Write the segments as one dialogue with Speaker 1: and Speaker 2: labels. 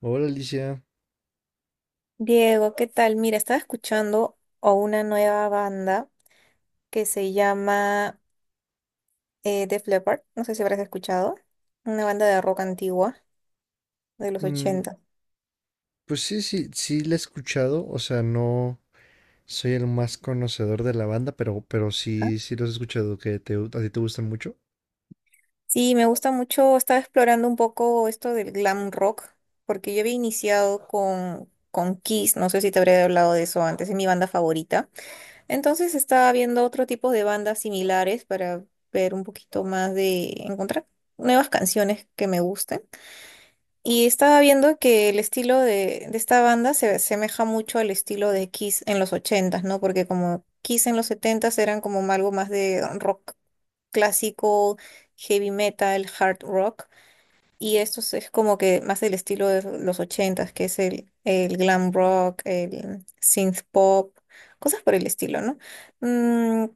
Speaker 1: Hola, Alicia.
Speaker 2: Diego, ¿qué tal? Mira, estaba escuchando a una nueva banda que se llama Def Leppard. No sé si habrás escuchado. Una banda de rock antigua de los
Speaker 1: Mm,
Speaker 2: 80.
Speaker 1: pues sí, sí, sí la he escuchado. O sea, no soy el más conocedor de la banda, pero,
Speaker 2: Ajá.
Speaker 1: sí, sí los he escuchado, que te, a ti te gustan mucho.
Speaker 2: Sí, me gusta mucho. Estaba explorando un poco esto del glam rock, porque yo había iniciado con Kiss. No sé si te habré hablado de eso antes. Es mi banda favorita. Entonces estaba viendo otro tipo de bandas similares para ver un poquito más de encontrar nuevas canciones que me gusten. Y estaba viendo que el estilo de esta banda se asemeja mucho al estilo de Kiss en los 80s, ¿no? Porque como Kiss en los 70s eran como algo más de rock clásico, heavy metal, hard rock, y esto es como que más del estilo de los 80s, que es el glam rock, el synth pop, cosas por el estilo, ¿no? Mm,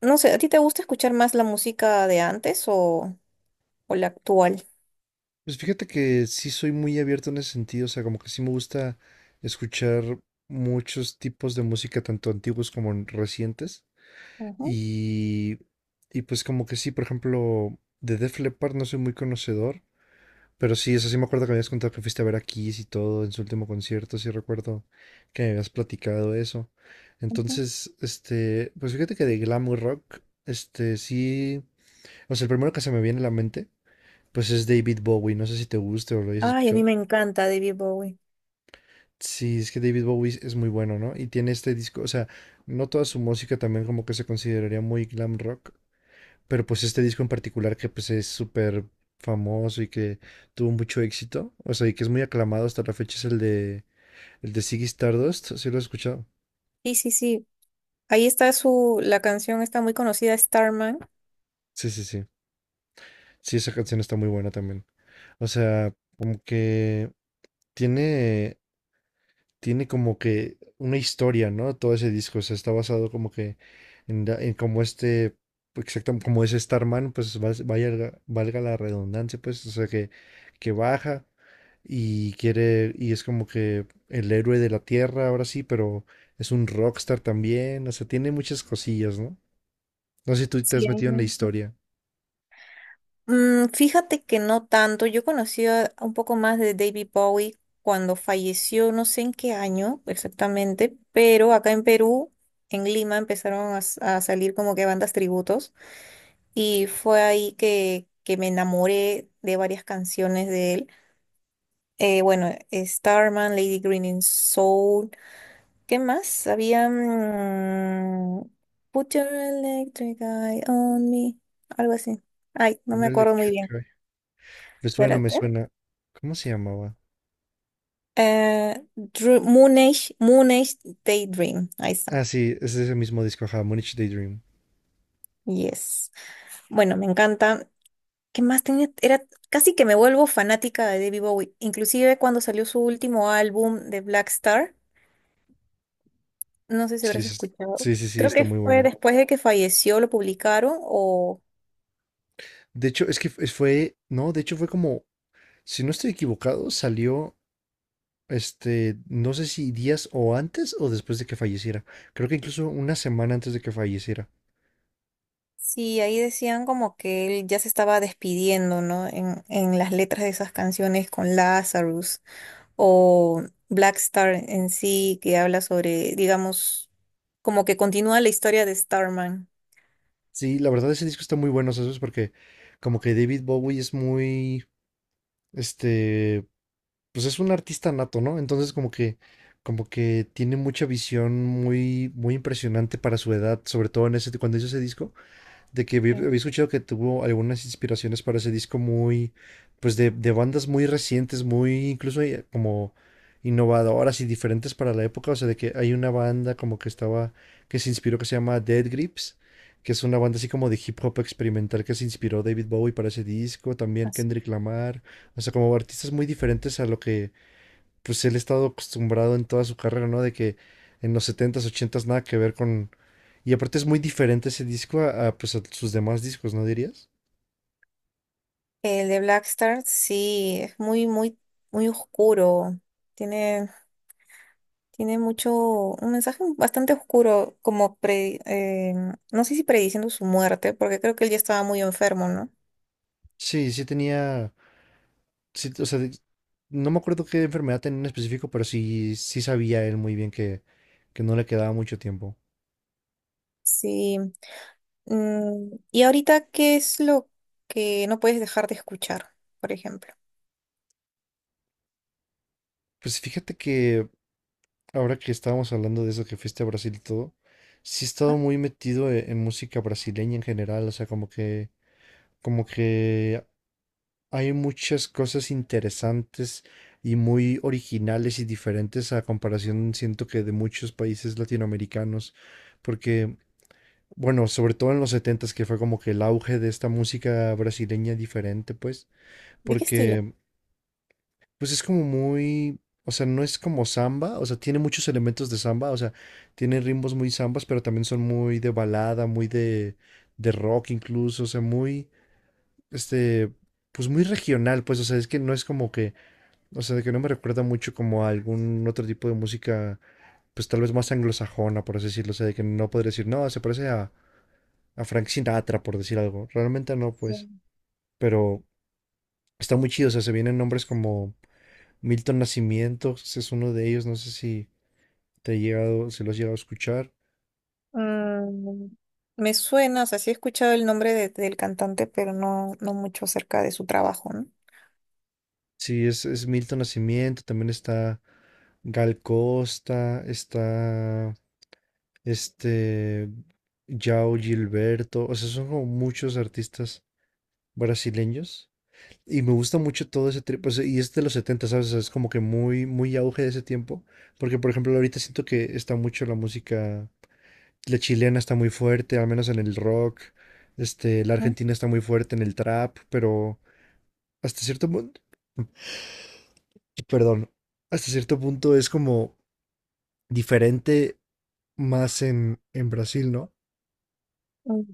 Speaker 2: no sé, ¿a ti te gusta escuchar más la música de antes o la actual?
Speaker 1: Pues fíjate que sí soy muy abierto en ese sentido. O sea, como que sí me gusta escuchar muchos tipos de música, tanto antiguos como recientes.
Speaker 2: Ujú,
Speaker 1: Y, y pues como que sí, por ejemplo, de Def Leppard no soy muy conocedor, pero sí, eso sí me acuerdo que me habías contado que fuiste a ver a Kiss y todo en su último concierto. Sí recuerdo que me habías platicado eso.
Speaker 2: ujú.
Speaker 1: Entonces, pues fíjate que de glam rock, sí, o sea, el primero que se me viene a la mente, pues es David Bowie. No sé si te guste o lo hayas
Speaker 2: Ay, a mí
Speaker 1: escuchado.
Speaker 2: me encanta David Bowie.
Speaker 1: Sí, es que David Bowie es muy bueno, ¿no? Y tiene este disco. O sea, no toda su música también como que se consideraría muy glam rock, pero pues este disco en particular, que pues es súper famoso y que tuvo mucho éxito, o sea, y que es muy aclamado hasta la fecha, es el de Ziggy Stardust. ¿Sí lo has escuchado?
Speaker 2: Sí, sí, sí. Ahí está la canción está muy conocida, Starman.
Speaker 1: Sí, sí, sí. Sí, esa canción está muy buena también. O sea, como que tiene como que una historia, ¿no? Todo ese disco, o sea, está basado como que en, en como exacto, como es Starman, pues vaya, valga la redundancia, pues, o sea, que, baja y quiere, y es como que el héroe de la tierra, ahora sí, pero es un rockstar también. O sea, tiene muchas cosillas, ¿no? No sé si tú te
Speaker 2: Sí,
Speaker 1: has
Speaker 2: ahí
Speaker 1: metido en
Speaker 2: me
Speaker 1: la
Speaker 2: encanta.
Speaker 1: historia.
Speaker 2: Fíjate que no tanto. Yo conocí a un poco más de David Bowie cuando falleció, no sé en qué año exactamente, pero acá en Perú, en Lima, empezaron a salir como que bandas tributos y fue ahí que me enamoré de varias canciones de él. Bueno, Starman, Lady Green in Soul. ¿Qué más? Había. Put your electric eye on me. Algo así. Ay, no
Speaker 1: Un
Speaker 2: me acuerdo muy
Speaker 1: Electric
Speaker 2: bien.
Speaker 1: Eye. Me suena, me
Speaker 2: Espérate.
Speaker 1: suena. ¿Cómo se llamaba?
Speaker 2: Moon Age Daydream. Ahí
Speaker 1: Ah,
Speaker 2: está.
Speaker 1: sí, es ese mismo disco, ajá, Munich Daydream.
Speaker 2: Yes. Bueno, me encanta. ¿Qué más tenía? Era casi que me vuelvo fanática de David Bowie. Inclusive cuando salió su último álbum de Black Star. No sé si
Speaker 1: Sí,
Speaker 2: habrás escuchado.
Speaker 1: sí, sí, sí,
Speaker 2: Creo
Speaker 1: está
Speaker 2: que
Speaker 1: muy
Speaker 2: fue
Speaker 1: bueno.
Speaker 2: después de que falleció, lo publicaron o.
Speaker 1: De hecho, es que fue como, si no estoy equivocado, salió, no sé si días o antes o después de que falleciera. Creo que incluso una semana antes de que falleciera.
Speaker 2: Sí, ahí decían como que él ya se estaba despidiendo, ¿no? En las letras de esas canciones con Lazarus o Black Star en sí, que habla sobre, digamos, como que continúa la historia de Starman.
Speaker 1: Sí, la verdad ese disco está muy bueno, ¿sabes? Porque como que David Bowie es muy, este, pues es un artista nato, ¿no? Entonces como que, tiene mucha visión muy, muy impresionante para su edad, sobre todo en ese, cuando hizo ese disco. De que
Speaker 2: Sí,
Speaker 1: había escuchado que tuvo algunas inspiraciones para ese disco muy, pues de, bandas muy recientes, muy incluso como innovadoras y diferentes para la época. O sea, de que hay una banda como que estaba, que se inspiró, que se llama Dead Grips, que es una banda así como de hip hop experimental, que se inspiró David Bowie para ese disco, también
Speaker 2: así.
Speaker 1: Kendrick Lamar. O sea, como artistas muy diferentes a lo que pues él ha estado acostumbrado en toda su carrera, ¿no? De que en los setentas ochentas nada que ver con y aparte es muy diferente ese disco a, pues, a sus demás discos, ¿no dirías?
Speaker 2: El de Black Star, sí, es muy, muy, muy oscuro. Tiene, tiene mucho, un mensaje bastante oscuro, como no sé si prediciendo su muerte, porque creo que él ya estaba muy enfermo, ¿no?
Speaker 1: Sí, sí tenía, sí, o sea, no me acuerdo qué enfermedad tenía en específico, pero sí, sí sabía él muy bien que, no le quedaba mucho tiempo.
Speaker 2: Sí. ¿Y ahorita qué es lo que no puedes dejar de escuchar, por ejemplo?
Speaker 1: Pues fíjate que ahora que estábamos hablando de eso, que fuiste a Brasil y todo, sí he
Speaker 2: Ajá.
Speaker 1: estado muy metido música brasileña en general. O sea, como que, como que hay muchas cosas interesantes y muy originales y diferentes a comparación, siento que de muchos países latinoamericanos. Porque, bueno, sobre todo en los setentas, que fue como que el auge de esta música brasileña diferente, pues,
Speaker 2: ¿De qué estilo?
Speaker 1: porque, pues es como muy, o sea, no es como samba. O sea, tiene muchos elementos de samba. O sea, tiene ritmos muy zambas, pero también son muy de balada, muy de, rock incluso, o sea, muy, este, pues muy regional, pues. O sea, es que no es como que o sea, de que no me recuerda mucho como a algún otro tipo de música, pues tal vez más anglosajona, por así decirlo. O sea, de que no podría decir, no, se parece a, Frank Sinatra, por decir algo. Realmente no,
Speaker 2: Ya.
Speaker 1: pues. Pero está muy chido. O sea, se vienen nombres como Milton Nacimiento, ese es uno de ellos. No sé si te he llegado, si lo has llegado a escuchar.
Speaker 2: Mm, Me suena, o sea, sí he escuchado el nombre del cantante, pero no, no mucho acerca de su trabajo, ¿no?
Speaker 1: Sí, es, Milton Nacimiento. También está Gal Costa, está este Yao Gilberto. O sea, son como muchos artistas brasileños. Y me gusta mucho todo ese trip, pues, y es de los 70, ¿sabes? O sea, es como que muy, muy auge de ese tiempo, porque por ejemplo ahorita siento que está mucho la música, la chilena está muy fuerte, al menos en el rock, la
Speaker 2: Ujú.
Speaker 1: argentina está muy fuerte en el trap, pero hasta cierto punto, perdón, hasta cierto punto es como diferente más en, Brasil, ¿no?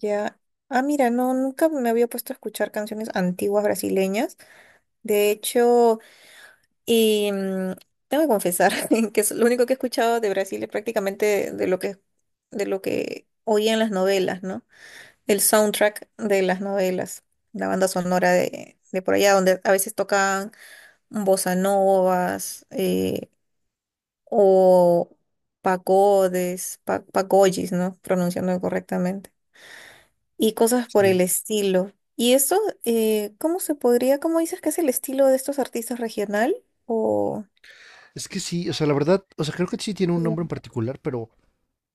Speaker 2: Ya. Ah, mira, no, nunca me había puesto a escuchar canciones antiguas brasileñas. De hecho, y, mm, tengo que confesar que es lo único que he escuchado de Brasil es prácticamente de lo que oía en las novelas, ¿no? Del soundtrack de las novelas, la banda sonora de por allá, donde a veces tocan bossa novas o pagodes, pagoyis, ¿no? Pronunciando correctamente. Y cosas por
Speaker 1: Sí.
Speaker 2: el estilo. ¿Y eso, cómo se podría, cómo dices que es el estilo de estos artistas regional? O.
Speaker 1: Es que sí, o sea, la verdad, o sea, creo que sí tiene un
Speaker 2: Ya.
Speaker 1: nombre en particular, pero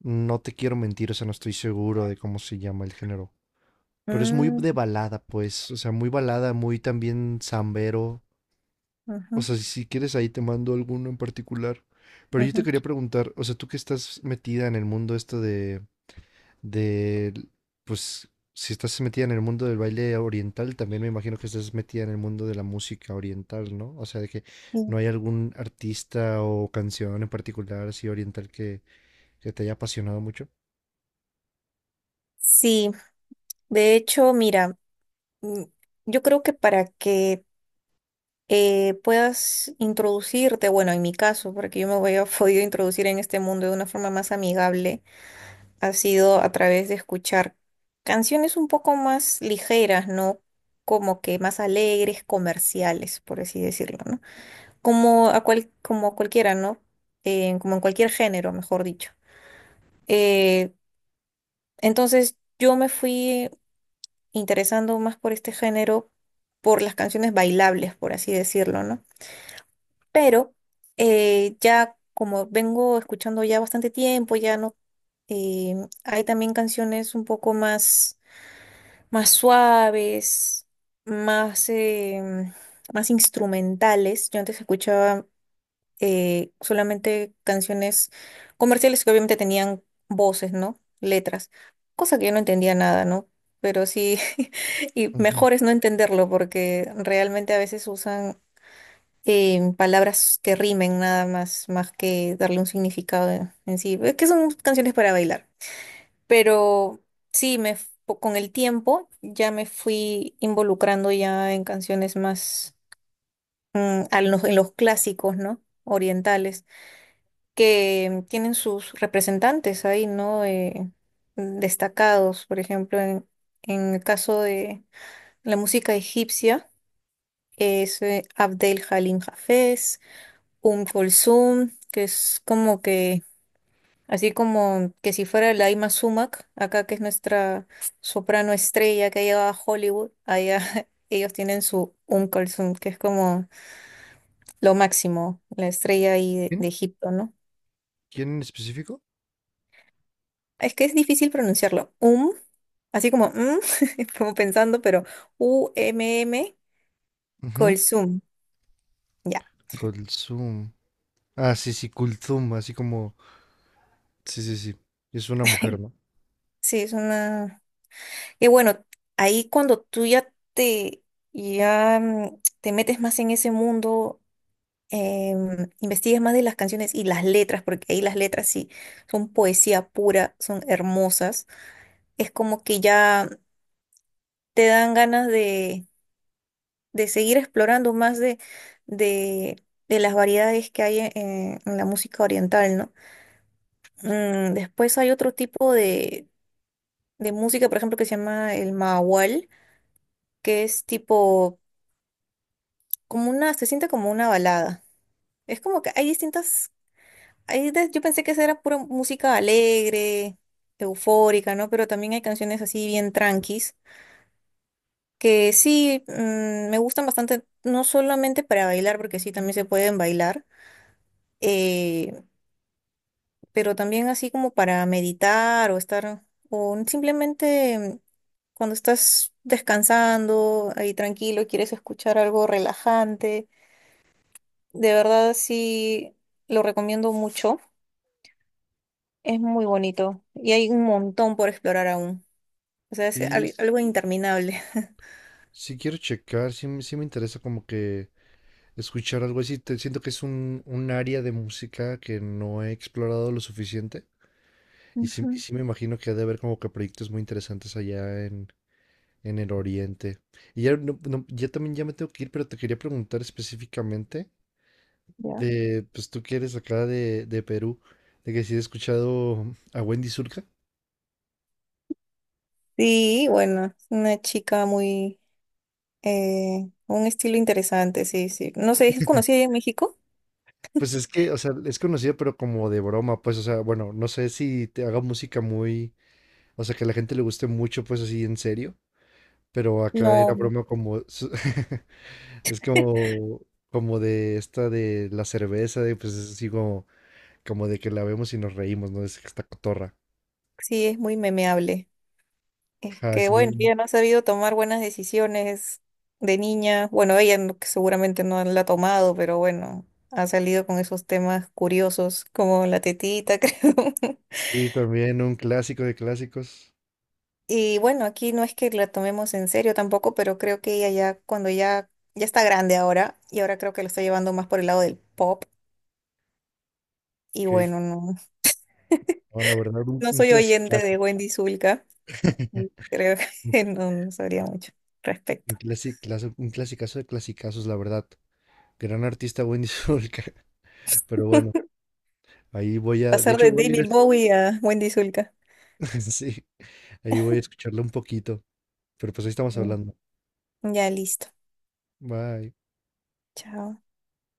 Speaker 1: no te quiero mentir. O sea, no estoy seguro de cómo se llama el género. Pero es muy
Speaker 2: Mm,
Speaker 1: de balada, pues, o sea, muy balada, muy también zambero. O
Speaker 2: ujú,
Speaker 1: sea, si quieres ahí te mando alguno en particular. Pero yo te
Speaker 2: ujú.
Speaker 1: quería preguntar, o sea, tú que estás metida en el mundo esto de, de, pues, si estás metida en el mundo del baile oriental, también me imagino que estás metida en el mundo de la música oriental, ¿no? O sea, de que
Speaker 2: Sí,
Speaker 1: no hay algún artista o canción en particular así oriental que, te haya apasionado mucho.
Speaker 2: sí, de hecho, mira, mm, yo creo que para que puedas introducirte, bueno, en mi caso, porque yo me voy a podido introducir en este mundo de una forma más amigable, ha sido a través de escuchar canciones un poco más ligeras, ¿no? Como que más alegres, comerciales, por así decirlo, ¿no? Como como cualquiera, ¿no? Como en cualquier género, mejor dicho. Eh, entonces yo me fui interesando más por este género, por las canciones bailables, por así decirlo, ¿no? Pero ya como vengo escuchando ya bastante tiempo, ya no, eh, hay también canciones un poco más suaves, más, em, más instrumentales. Yo antes escuchaba solamente canciones comerciales que obviamente tenían voces, ¿no? Letras, cosa que yo no entendía nada, ¿no? Pero sí, y
Speaker 1: Ujú.
Speaker 2: mejor es no entenderlo porque realmente a veces usan palabras que rimen nada más, más que darle un significado en sí. Es que son canciones para bailar. Pero sí, con el tiempo ya me fui involucrando ya en canciones más en los clásicos, ¿no? Orientales, que tienen sus representantes ahí, ¿no? Destacados, por ejemplo, en el caso de la música egipcia, es Abdel Halim Hafez. Un Kulsum, que es como que, así como que si fuera la Ima Sumac, acá que es nuestra soprano estrella que ha llegado a Hollywood, allá ellos tienen su un Kulsum, que es como lo máximo, la estrella ahí de
Speaker 1: ¿Quién?
Speaker 2: Egipto, ¿no?
Speaker 1: ¿Quién en específico?
Speaker 2: Es que es difícil pronunciarlo. Así como como pensando, pero Umm,
Speaker 1: Ujú.
Speaker 2: Kulsum. Ya,
Speaker 1: Kulthum. Ah, sí, sí, Kulthum, así como, sí, sí, sí. Es una mujer, ¿no?
Speaker 2: sí, es una. Y bueno, ahí cuando tú ya te, ya te metes más en ese mundo, investigas más de las canciones y las letras, porque ahí las letras sí son poesía pura, son hermosas, es como que ya te dan ganas de seguir explorando más de, de las variedades que hay en la música oriental, ¿no? Después hay otro tipo de música, por ejemplo, que se llama el mahual, que es tipo se siente como una balada. Es como que hay distintas, yo pensé que esa era pura música alegre, eufórica, ¿no? Pero también hay canciones así bien tranquis, que sí, me gustan bastante, no solamente para bailar, porque sí, también se pueden bailar, eh, pero también así como para meditar o estar, o simplemente cuando estás descansando, ahí tranquilo, y quieres escuchar algo relajante. De verdad, sí, lo recomiendo mucho. Es muy bonito y hay un montón por explorar aún. O sea, es
Speaker 1: Sí,
Speaker 2: algo interminable.
Speaker 1: sí quiero checar. Sí, me sí me interesa como que escuchar algo así. Te- siento que es un área de música que no he explorado lo suficiente, y sí,
Speaker 2: Ujú,
Speaker 1: me imagino que ha de haber como que proyectos muy interesantes allá en el oriente. Y ya, no- no, ya también ya me tengo que ir, pero te quería preguntar específicamente
Speaker 2: ya.
Speaker 1: de, pues tú que eres acá de, Perú, de que si he escuchado a Wendy Zulka.
Speaker 2: Sí, bueno, es una chica un estilo interesante, sí, sí. No sé, ¿es conocida allá en México?
Speaker 1: Pues es que, o sea, es conocida pero como de broma, pues, o sea, bueno, no sé si te haga música muy o sea, que a la gente le guste mucho, pues así en serio. Pero acá era
Speaker 2: No, no.
Speaker 1: broma como... su- es como, como de esta de la cerveza, de, pues es así como, como de que la vemos y nos reímos, ¿no? Es esta cotorra.
Speaker 2: Sí, es muy memeable. Es
Speaker 1: Ajá,
Speaker 2: que,
Speaker 1: es
Speaker 2: bueno,
Speaker 1: muy...
Speaker 2: ella no ha sabido tomar buenas decisiones de niña. Bueno, ella no- que seguramente no la ha tomado, pero bueno, ha salido con esos temas curiosos como la tetita, creo.
Speaker 1: Sí, también un clásico de clásicos.
Speaker 2: Y bueno, aquí no es que la tomemos en serio tampoco, pero creo que ella ya, cuando ya, ya está grande ahora, y ahora creo que lo está llevando más por el lado del pop. Y
Speaker 1: Ok.
Speaker 2: bueno, no,
Speaker 1: No, la verdad, un,
Speaker 2: no soy oyente
Speaker 1: clasicazo.
Speaker 2: de Wendy Zulka. Creo que no, no sabría mucho respecto.
Speaker 1: Un clasicazo de clasicazos, la verdad. Gran artista Wendy Sulca. Pero bueno, ahí voy a... De
Speaker 2: Pasar
Speaker 1: hecho,
Speaker 2: de
Speaker 1: voy a ir a...
Speaker 2: David
Speaker 1: es-
Speaker 2: Bowie a Wendy Zulka.
Speaker 1: Sí, ahí voy a escucharlo un poquito. Pero pues ahí estamos
Speaker 2: Mm.
Speaker 1: hablando.
Speaker 2: Ya listo.
Speaker 1: Bye.
Speaker 2: Chao.